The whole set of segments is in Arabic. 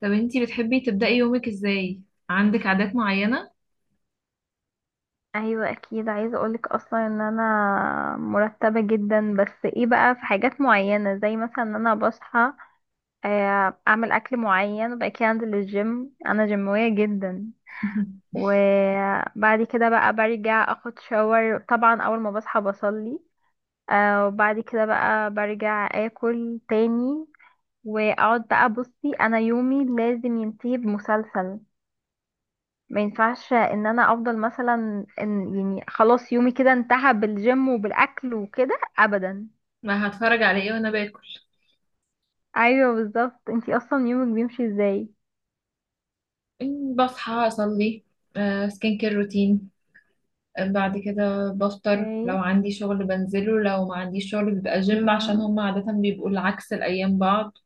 طب انتي بتحبي تبدأي يومك ازاي؟ عندك عادات معينة؟ ايوه، اكيد عايزه اقولك اصلا ان انا مرتبه جدا. بس ايه بقى، في حاجات معينه زي مثلا ان انا بصحى، اعمل اكل معين وبعد كده انزل الجيم. انا جيمويه جدا وبعد كده بقى برجع اخد شاور. طبعا اول ما بصحى بصلي، وبعد كده بقى برجع اكل تاني، واقعد بقى. بصي انا يومي لازم ينتهي بمسلسل، ما ينفعش ان انا افضل مثلا ان يعني خلاص يومي كده انتهى بالجيم وبالاكل وكده ابدا. ما هتفرج على ايه وانا باكل؟ ايوه بالظبط، انتي اصلا يومك بيمشي ازاي؟ بصحى اصلي. سكين كير روتين. بعد كده بفطر، لو اوكي. عندي شغل بنزله، لو ما عنديش شغل بيبقى جيم عشان مم. هم عادة بيبقوا العكس الأيام بعض.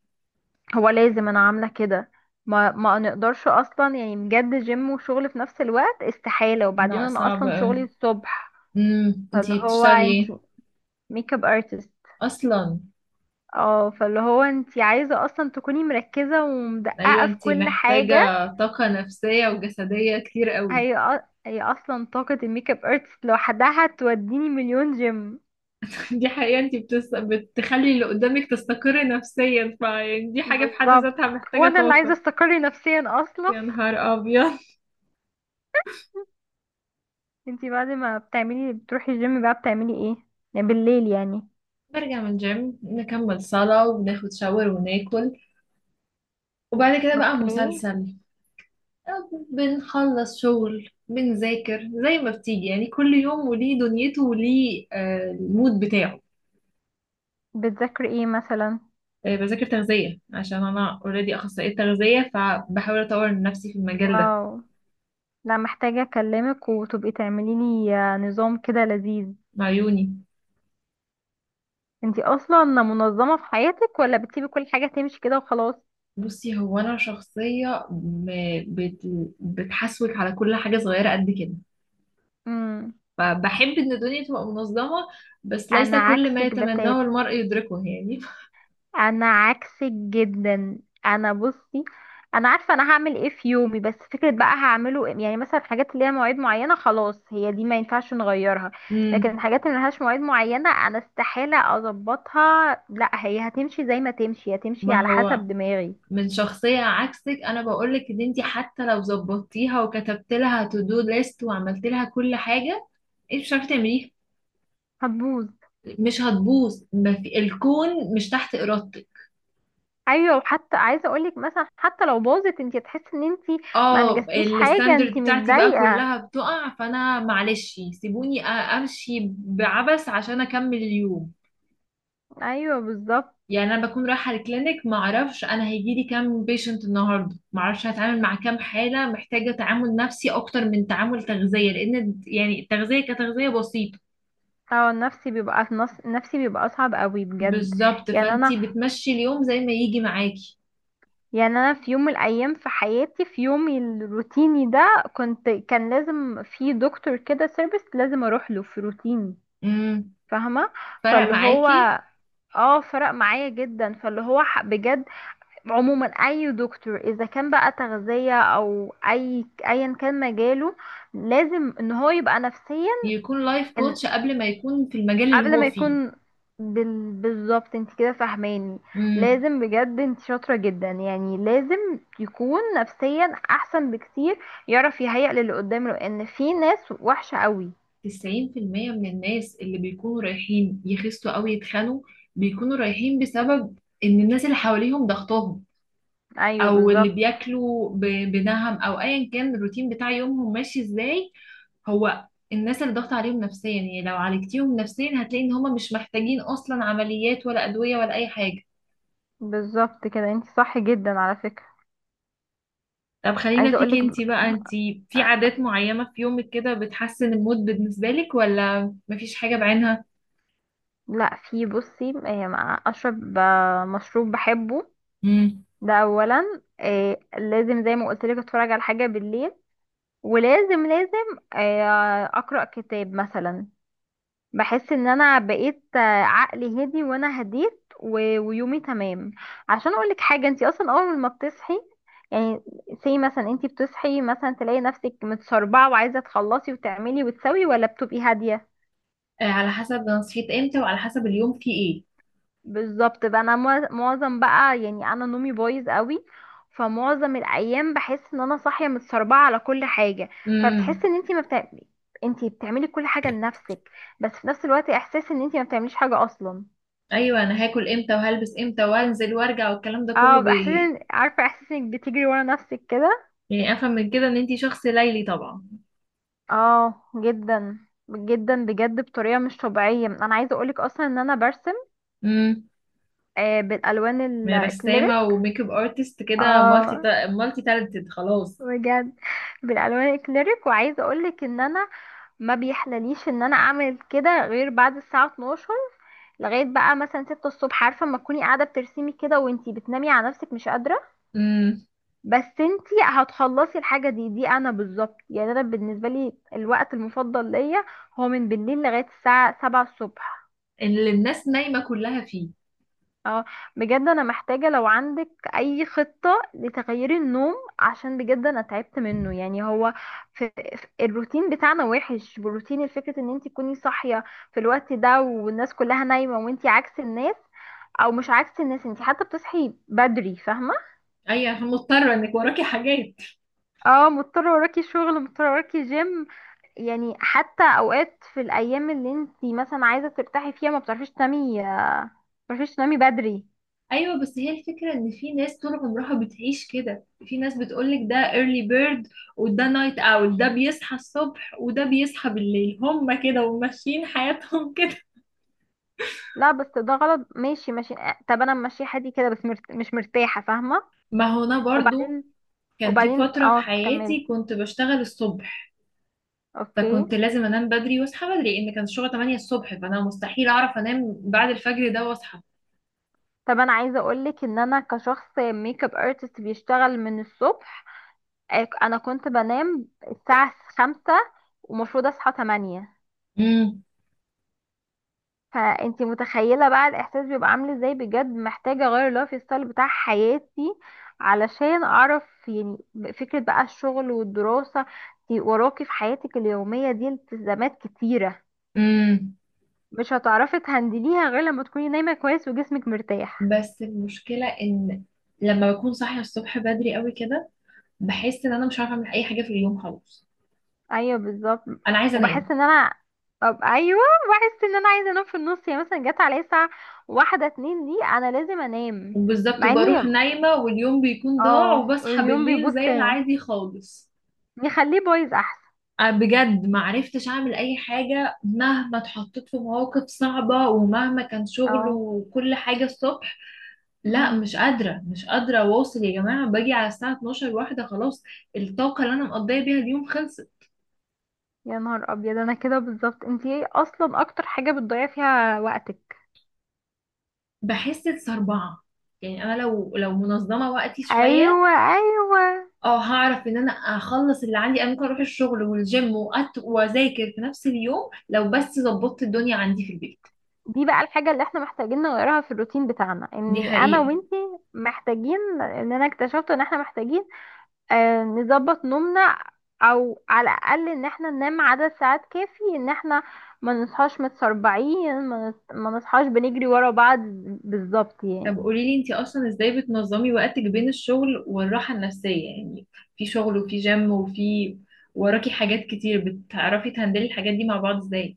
هو لازم انا عامله كده، ما نقدرش اصلا يعني بجد جيم وشغل في نفس الوقت استحاله. وبعدين لا، انا صعب اصلا أوي. شغلي الصبح. فاللي انتي هو بتشتغلي ايه انتي ميك اب ارتست. اصلا؟ اه، فاللي هو انتي عايزه اصلا تكوني مركزه ايوه، ومدققه في انتي كل حاجه. محتاجة طاقة نفسية وجسدية كتير قوي. هي اصلا طاقة الميك اب ارتست لوحدها توديني مليون جيم. دي حقيقة. انت بتخلي اللي قدامك تستقر نفسيا، فيعني دي حاجة في حد بالظبط، ذاتها محتاجة وانا اللي عايزة طاقة. استقري نفسيا اصلا. يا نهار أبيض! انتي بعد ما بتعملي بتروحي الجيم بقى بتعملي ايه؟ يعني بالليل يعني. برجع من الجيم، نكمل صلاة وبناخد شاور وناكل، وبعد كده بقى اوكي. مسلسل. أو بنخلص شغل، بنذاكر زي ما بتيجي يعني، كل يوم وليه دنيته وليه المود بتاعه. بتذاكري ايه مثلا؟ بذاكر تغذية عشان أنا اوريدي أخصائية تغذية، فبحاول أطور من نفسي في المجال ده. واو، لا محتاجة اكلمك وتبقي تعملي لي نظام كده لذيذ. مع عيوني. انتي اصلا منظمة في حياتك ولا بتسيبي كل حاجة تمشي كده وخلاص؟ بصي، هو انا شخصيه بت... بتحسوك على كل حاجه صغيره قد كده، امم، فبحب ان الدنيا تبقى منظمه، بس ليس انا كل ما عكسك يتمناه بتاتا، المرء يدركه يعني. انا عكسك جدا. انا بصي، انا عارفه انا هعمل ايه في يومي، بس فكره بقى هعمله يعني مثلا الحاجات اللي ليها مواعيد معينه خلاص هي دي ما ينفعش نغيرها، لكن امم. الحاجات اللي ملهاش مواعيد معينه انا استحاله اظبطها. لا هي هتمشي زي ما تمشي، هتمشي ما على هو حسب دماغي. من شخصيه عكسك، انا بقولك ان انت حتى لو ظبطتيها وكتبت لها تو دو ليست وعملت لها كل حاجه، انت مش عارفه تعمليها. هتبوظ. مش هتبوظ، ما في الكون مش تحت ارادتك. ايوه، وحتى عايزه اقولك مثلا حتى لو باظت انت هتحسي ان انت ما اه، انجزتيش حاجه الستاندرد انت بتاعتي بقى متضايقه. كلها بتقع، فانا معلش سيبوني امشي بعبث عشان اكمل اليوم. ايوه بالظبط. يعني انا بكون رايحه الكلينيك، ما اعرفش انا هيجي لي كام بيشنت النهارده، ما اعرفش هتعامل مع كام حاله محتاجه تعامل نفسي اكتر من تعامل تغذيه، لان يعني التغذيه كتغذيه بسيطه. اه النفسي بيبقى، نفسي بيبقى صعب قوي بجد. بالظبط، يعني انا، فانتي بتمشي اليوم زي ما يجي معاكي. يعني انا في يوم من الايام في حياتي في يومي الروتيني ده كنت، كان لازم في دكتور كده سيرفيس لازم اروح له في روتيني. امم. فاهمه. فرق فاللي هو، معاكي. اه فرق معايا جدا. فاللي هو بجد عموما اي دكتور اذا كان بقى تغذيه او اي ايا كان مجاله لازم ان هو يبقى نفسيا. يكون لايف كوتش قبل ما يكون في المجال اللي قبل هو ما فيه. يكون بالظبط انت كده فاهماني. امم. لازم بجد، انت شاطرة جدا، يعني لازم يكون نفسيا احسن بكتير، يعرف يهيأ للي قدامه لان في ناس وحشة قوي. 90% من الناس اللي بيكونوا رايحين يخسوا أو يتخنوا، بيكونوا رايحين بسبب إن الناس اللي حواليهم ضغطهم، ايوه أو اللي بالظبط. بياكلوا بنهم، أو أيا كان الروتين بتاع يومهم ماشي إزاي. هو الناس اللي ضغط عليهم نفسيا، يعني لو عالجتيهم نفسيا هتلاقي إن هما مش محتاجين أصلا عمليات ولا أدوية ولا أي حاجة. بالظبط كده، انت صح جدا على فكرة. طب، خلينا عايزة فيك اقولك. انتي بقى. انتي في عادات معينة في يومك كده بتحسن المود بالنسبة لك، ولا مفيش حاجة بعينها؟ لا في، بصي اشرب مشروب بحبه، ده اولا. لازم زي ما قلت لك اتفرج على حاجة بالليل، ولازم لازم، اقرأ كتاب مثلا. بحس ان انا بقيت عقلي هدي وانا هديت. ويومي تمام. عشان اقولك حاجه، انت اصلا اول ما بتصحي يعني، سي مثلا انت بتصحي مثلا تلاقي نفسك متسربعه وعايزه تخلصي وتعملي وتسوي، ولا بتبقي هاديه؟ على حسب انا صحيت امتى وعلى حسب اليوم فيه ايه. بالظبط بقى. انا معظم بقى، يعني انا نومي بايظ قوي، فمعظم الايام بحس ان انا صاحيه متسربعه على كل حاجه. فبتحسي امم. ان انت ما بتعملي، انت بتعملي كل حاجه لنفسك بس في نفس الوقت احساس ان انت ما بتعمليش حاجه اصلا. ايوه، انا هاكل امتى وهلبس امتى وانزل وارجع والكلام ده اه كله باحساس عارفه احساس انك بتجري ورا نفسك كده. يعني افهم من كده ان انتي شخص ليلي طبعا. اه جدا، جدا بجد بطريقه مش طبيعيه. انا عايزه اقولك اصلا ان انا برسم، امم. آه بالالوان من رسامه الاكليريك. وميك اب ارتست كده، اه مالتي تالنتد خلاص. بجد بالالوان الاكليريك. وعايزه اقولك ان انا ما بيحلليش ان انا اعمل كده غير بعد الساعه 12 لغايه بقى مثلا 6 الصبح. عارفه اما تكوني قاعده بترسمي كده وانتي بتنامي على نفسك مش قادره، امم. بس انتي هتخلصي الحاجة دي. دي انا بالظبط، يعني انا بالنسبة لي الوقت المفضل ليا هو من بالليل لغاية الساعة سبعة الصبح. اللي الناس نايمه كلها فيه. اه بجد، انا محتاجة لو عندك اي خطة لتغيير النوم، عشان بجد انا تعبت منه. يعني هو في، الروتين بتاعنا وحش. بروتين، الفكرة ان انتي تكوني صاحية في الوقت ده والناس كلها نايمة، وانتي عكس الناس، او مش عكس الناس، انتي حتى بتصحي بدري فاهمة. ايوه، عشان مضطره انك وراكي حاجات. اه مضطرة، وراكي شغل، مضطرة وراكي جيم. يعني حتى اوقات في الايام اللي انت مثلا عايزه ترتاحي فيها ما بتعرفيش تنامي، ما بتعرفيش تنامي بدري. ايوه، بس هي الفكره ان في ناس طول عمرها بتعيش كده. في ناس بتقولك ده early bird وده نايت اول، ده بيصحى الصبح وده بيصحى بالليل، هما كده وماشيين حياتهم. كده. لا بس ده غلط. ماشي ماشي، طب انا ماشيه حدي كده بس مش مرتاحه، فاهمه. ما هو انا برضو وبعدين، كان في وبعدين فتره في اه كملي. حياتي كنت بشتغل الصبح، اوكي. فكنت لازم انام بدري واصحى بدري. ان كان الشغل 8 الصبح، فانا مستحيل اعرف انام بعد الفجر ده واصحى. طب انا عايزه اقولك ان انا كشخص ميك اب ارتست بيشتغل من الصبح، انا كنت بنام الساعه خمسة ومفروض اصحى تمانية. امم. فانتي متخيله بقى الاحساس بيبقى عامل ازاي. بجد محتاجه اغير اللايف ستايل بتاع حياتي علشان اعرف يعني، فكره بقى الشغل والدراسه. انتي وراكي في حياتك اليوميه دي التزامات كتيره، امم. مش هتعرفي تهندليها غير لما تكوني نايمه كويس وجسمك مرتاح. بس المشكلة ان لما بكون صاحية الصبح بدري قوي كده، بحس ان انا مش عارفة اعمل اي حاجة في اليوم خالص. ايوه بالظبط. انا عايزه وبحس انام. ان انا، طب ايوه بحس ان انا عايزه انام في النص. يعني مثلا جت عليا الساعه واحدة اتنين دي انا لازم انام. بالظبط، مع اني وبروح نايمه واليوم بيكون ضاع، اه وبصحى اليوم بالليل بيبص، زي العادي خالص. نخليه بايظ احسن. أنا بجد ما عرفتش اعمل اي حاجه، مهما اتحطيت في مواقف صعبه ومهما كان شغل اه. وكل حاجه الصبح. لا، مم. مش قادره مش قادره اواصل يا جماعه، باجي على الساعه 12 واحده، خلاص الطاقه اللي انا مقضيه بيها اليوم خلصت. يا نهار ابيض انا كده بالظبط. انتي ايه اصلا اكتر حاجه بتضيع فيها وقتك؟ بحس بصربعه. يعني انا لو منظمه وقتي شويه، ايوه ايوه. اه هعرف ان انا اخلص اللي عندي. انا ممكن اروح الشغل والجيم واذاكر في نفس اليوم، لو بس ظبطت الدنيا عندي في البيت. دي بقى الحاجه اللي احنا محتاجين نغيرها في الروتين بتاعنا، دي اني انا حقيقة. وانتي محتاجين. ان انا اكتشفت ان احنا محتاجين آه نظبط نومنا، او على الاقل ان احنا ننام عدد ساعات كافي، ان احنا ما نصحاش متسربعين، ما نصحاش بنجري ورا بعض، بالظبط طب يعني. قولي لي، انتي اصلا ازاي بتنظمي وقتك بين الشغل والراحة النفسية؟ يعني في شغل وفي جيم وراكي حاجات كتير، بتعرفي تهندلي الحاجات دي مع بعض ازاي؟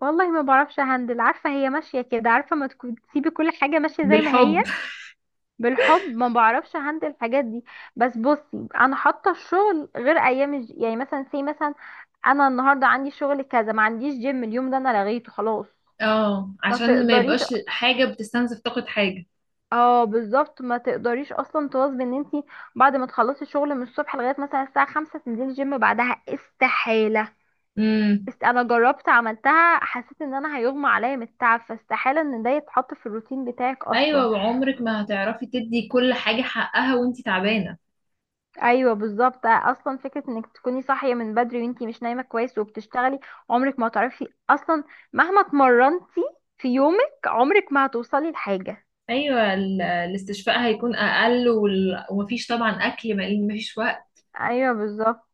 والله ما بعرفش هندل، عارفة هي ماشية كده. عارفة، ما تكون تسيبي كل حاجة ماشية زي ما هي. بالحب. بالحب، ما بعرفش هندل الحاجات دي. بس بصي انا حاطة الشغل غير ايام يعني مثلا، سي مثلا انا النهاردة عندي شغل كذا، ما عنديش جيم اليوم ده، انا لغيته خلاص. اه، ما عشان ما تقدريش، يبقاش حاجة بتستنزف طاقة حاجة. اه بالظبط ما تقدريش اصلا تواظبي ان انتي بعد ما تخلصي الشغل من الصبح لغاية مثلا الساعة خمسة تنزلي جيم بعدها، استحالة. امم. انا جربت عملتها، حسيت ان انا هيغمى عليا من التعب، فاستحالة ان ده يتحط في الروتين بتاعك ايوه، اصلا. وعمرك ما هتعرفي تدي كل حاجة حقها وانتي تعبانة. ايوه بالظبط، اصلا فكرة انك تكوني صاحية من بدري وانتي مش نايمة كويس وبتشتغلي، عمرك ما هتعرفي اصلا، مهما اتمرنتي في يومك عمرك ما هتوصلي لحاجة. ايوه، الاستشفاء هيكون اقل، ومفيش طبعا اكل، مفيش وقت. ايوه بالظبط.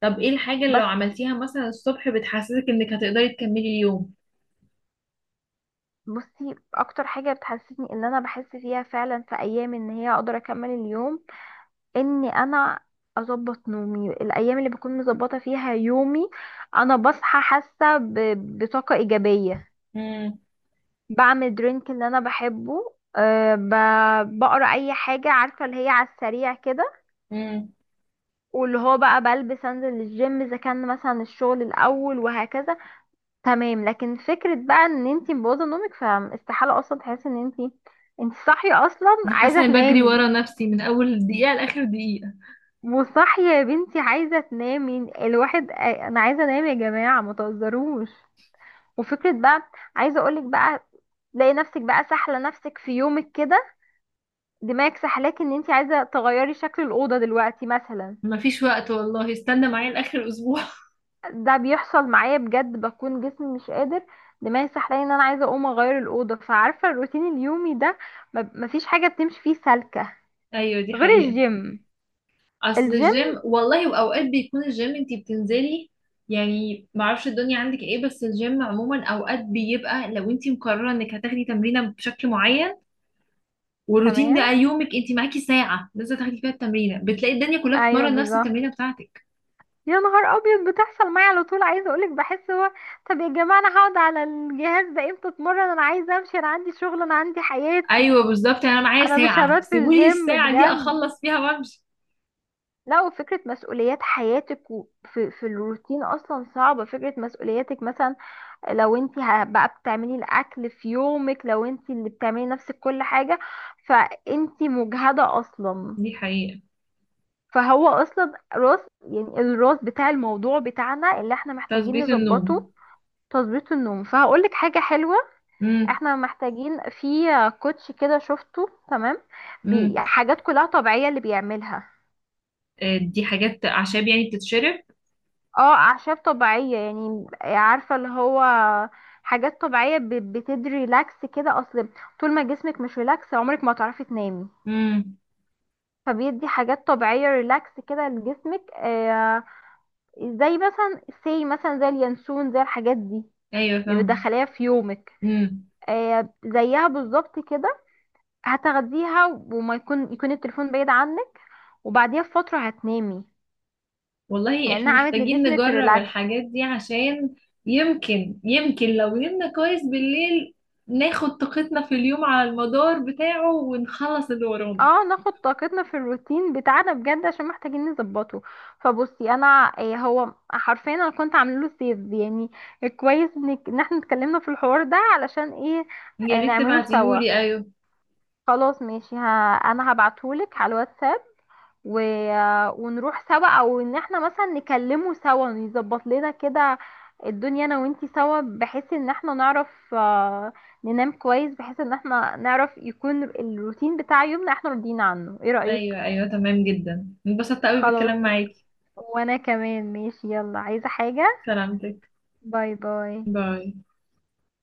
طب ايه الحاجه اللي لو بس عملتيها مثلا الصبح بتحسسك انك هتقدري تكملي اليوم؟ بصي اكتر حاجة بتحسسني ان انا بحس فيها فعلا في ايام ان هي اقدر اكمل اليوم، اني انا اظبط نومي. الايام اللي بكون مظبطه فيها يومي انا بصحى حاسه بطاقه ايجابيه، امم. بعمل درينك اللي انا بحبه، أه بقرا اي حاجه، عارفه اللي هي على السريع كده، امم. واللي هو بقى بلبس انزل الجيم اذا كان مثلا الشغل الاول، وهكذا. تمام، لكن فكره بقى ان انتي مبوظه نومك، فاستحاله اصلا تحسي ان انتي، انتي صاحيه اصلا انا عايزه حاسه اني بجري ورا تنامي. نفسي من اول دقيقه لاخر دقيقه. وصح يا بنتي، عايزة تنامي الواحد. انا عايزة انام يا جماعة، ما تهزروش. وفكرة بقى، عايزة اقولك بقى، تلاقي نفسك بقى سحلة نفسك في يومك كده. دماغك سحلاك ان انت عايزة تغيري شكل الأوضة دلوقتي مثلا. مفيش وقت والله، استنى معايا لاخر اسبوع. ده بيحصل معايا بجد، بكون جسمي مش قادر، دماغي سحلاني ان انا عايزة اقوم اغير الأوضة. فعارفة الروتين اليومي ده، مفيش حاجة بتمشي فيه سالكة ايوه، دي غير حقيقه. الجيم. اصل الجيم، الجيم والله، واوقات بيكون الجيم انتي بتنزلي، يعني معرفش الدنيا عندك ايه، بس الجيم عموما اوقات بيبقى لو انتي مقرره انك هتاخدي تمرينه بشكل معين، والروتين ده تمام. يومك انت معاكي ساعه لازم تاخدي فيها التمرينه، بتلاقي الدنيا كلها ايوه بتتمرن نفس بالظبط. التمرينه بتاعتك. يا نهار ابيض بتحصل معايا على طول. عايزه اقولك بحس هو، طب يا جماعه انا هقعد على الجهاز ده امتى؟ اتمرن انا عايزه امشي، انا عندي شغل، انا عندي حياتي، ايوه بالظبط، انا معايا انا مش ساعه هبات في سيبولي الجيم الساعه دي بجد. اخلص فيها وامشي. لا، وفكرة مسؤوليات حياتك وفي في الروتين أصلا صعبة. فكرة مسؤولياتك مثلا، لو انت بقى بتعملي الأكل في يومك، لو انت اللي بتعملي نفسك كل حاجة، فانت مجهدة أصلا. دي حقيقه. فهو أصلا راس، يعني الراس بتاع الموضوع بتاعنا اللي احنا محتاجين تظبيط النوم. نظبطه. تظبيط النوم، فهقول لك حاجه حلوه. امم. احنا محتاجين في كوتش كده شفته، تمام، بي امم. حاجات كلها طبيعيه اللي بيعملها. دي حاجات اعشاب يعني بتتشرب. اه اعشاب طبيعيه، يعني عارفه اللي هو حاجات طبيعيه بتدي ريلاكس كده. اصل طول ما جسمك مش ريلاكس عمرك ما هتعرفي تنامي. امم. فبيدي حاجات طبيعيه ريلاكس كده لجسمك، زي مثلا سي مثلا زي اليانسون، زي الحاجات دي ايوه اللي فاهم. بتدخليها في يومك. امم. زيها بالظبط كده. هتاخديها وما يكون، يكون التليفون بعيد عنك، وبعديها بفترة هتنامي، والله احنا لأنها عملت محتاجين لجسمك نجرب ريلاكس. الحاجات دي، عشان يمكن، يمكن لو نمنا كويس بالليل ناخد طاقتنا في اليوم على المدار بتاعه ونخلص اللي ورانا. اه، ناخد طاقتنا في الروتين بتاعنا، بجد عشان محتاجين نظبطه. فبصي انا إيه، هو حرفيا انا كنت عامله له سيف يعني. كويس انك، ان احنا اتكلمنا في الحوار ده علشان ايه. يا ريت نعمله سوا، تبعتيهولي. ايوه خلاص ماشي. ها انا هبعتهولك على الواتساب، و... ونروح سوا، او ان احنا مثلا نكلمه سوا، نظبط لنا كده الدنيا انا وانتي سوا، بحيث ان احنا نعرف، آه، ننام كويس، بحيث ان احنا نعرف يكون الروتين بتاع يومنا احنا راضيين عنه. ايه رأيك؟ ايوه ايوه، تمام جدا، انبسطت قوي خلاص. بالكلام معاكي. وانا كمان ماشي، يلا عايزة حاجة؟ سلامتك. باي باي. باي.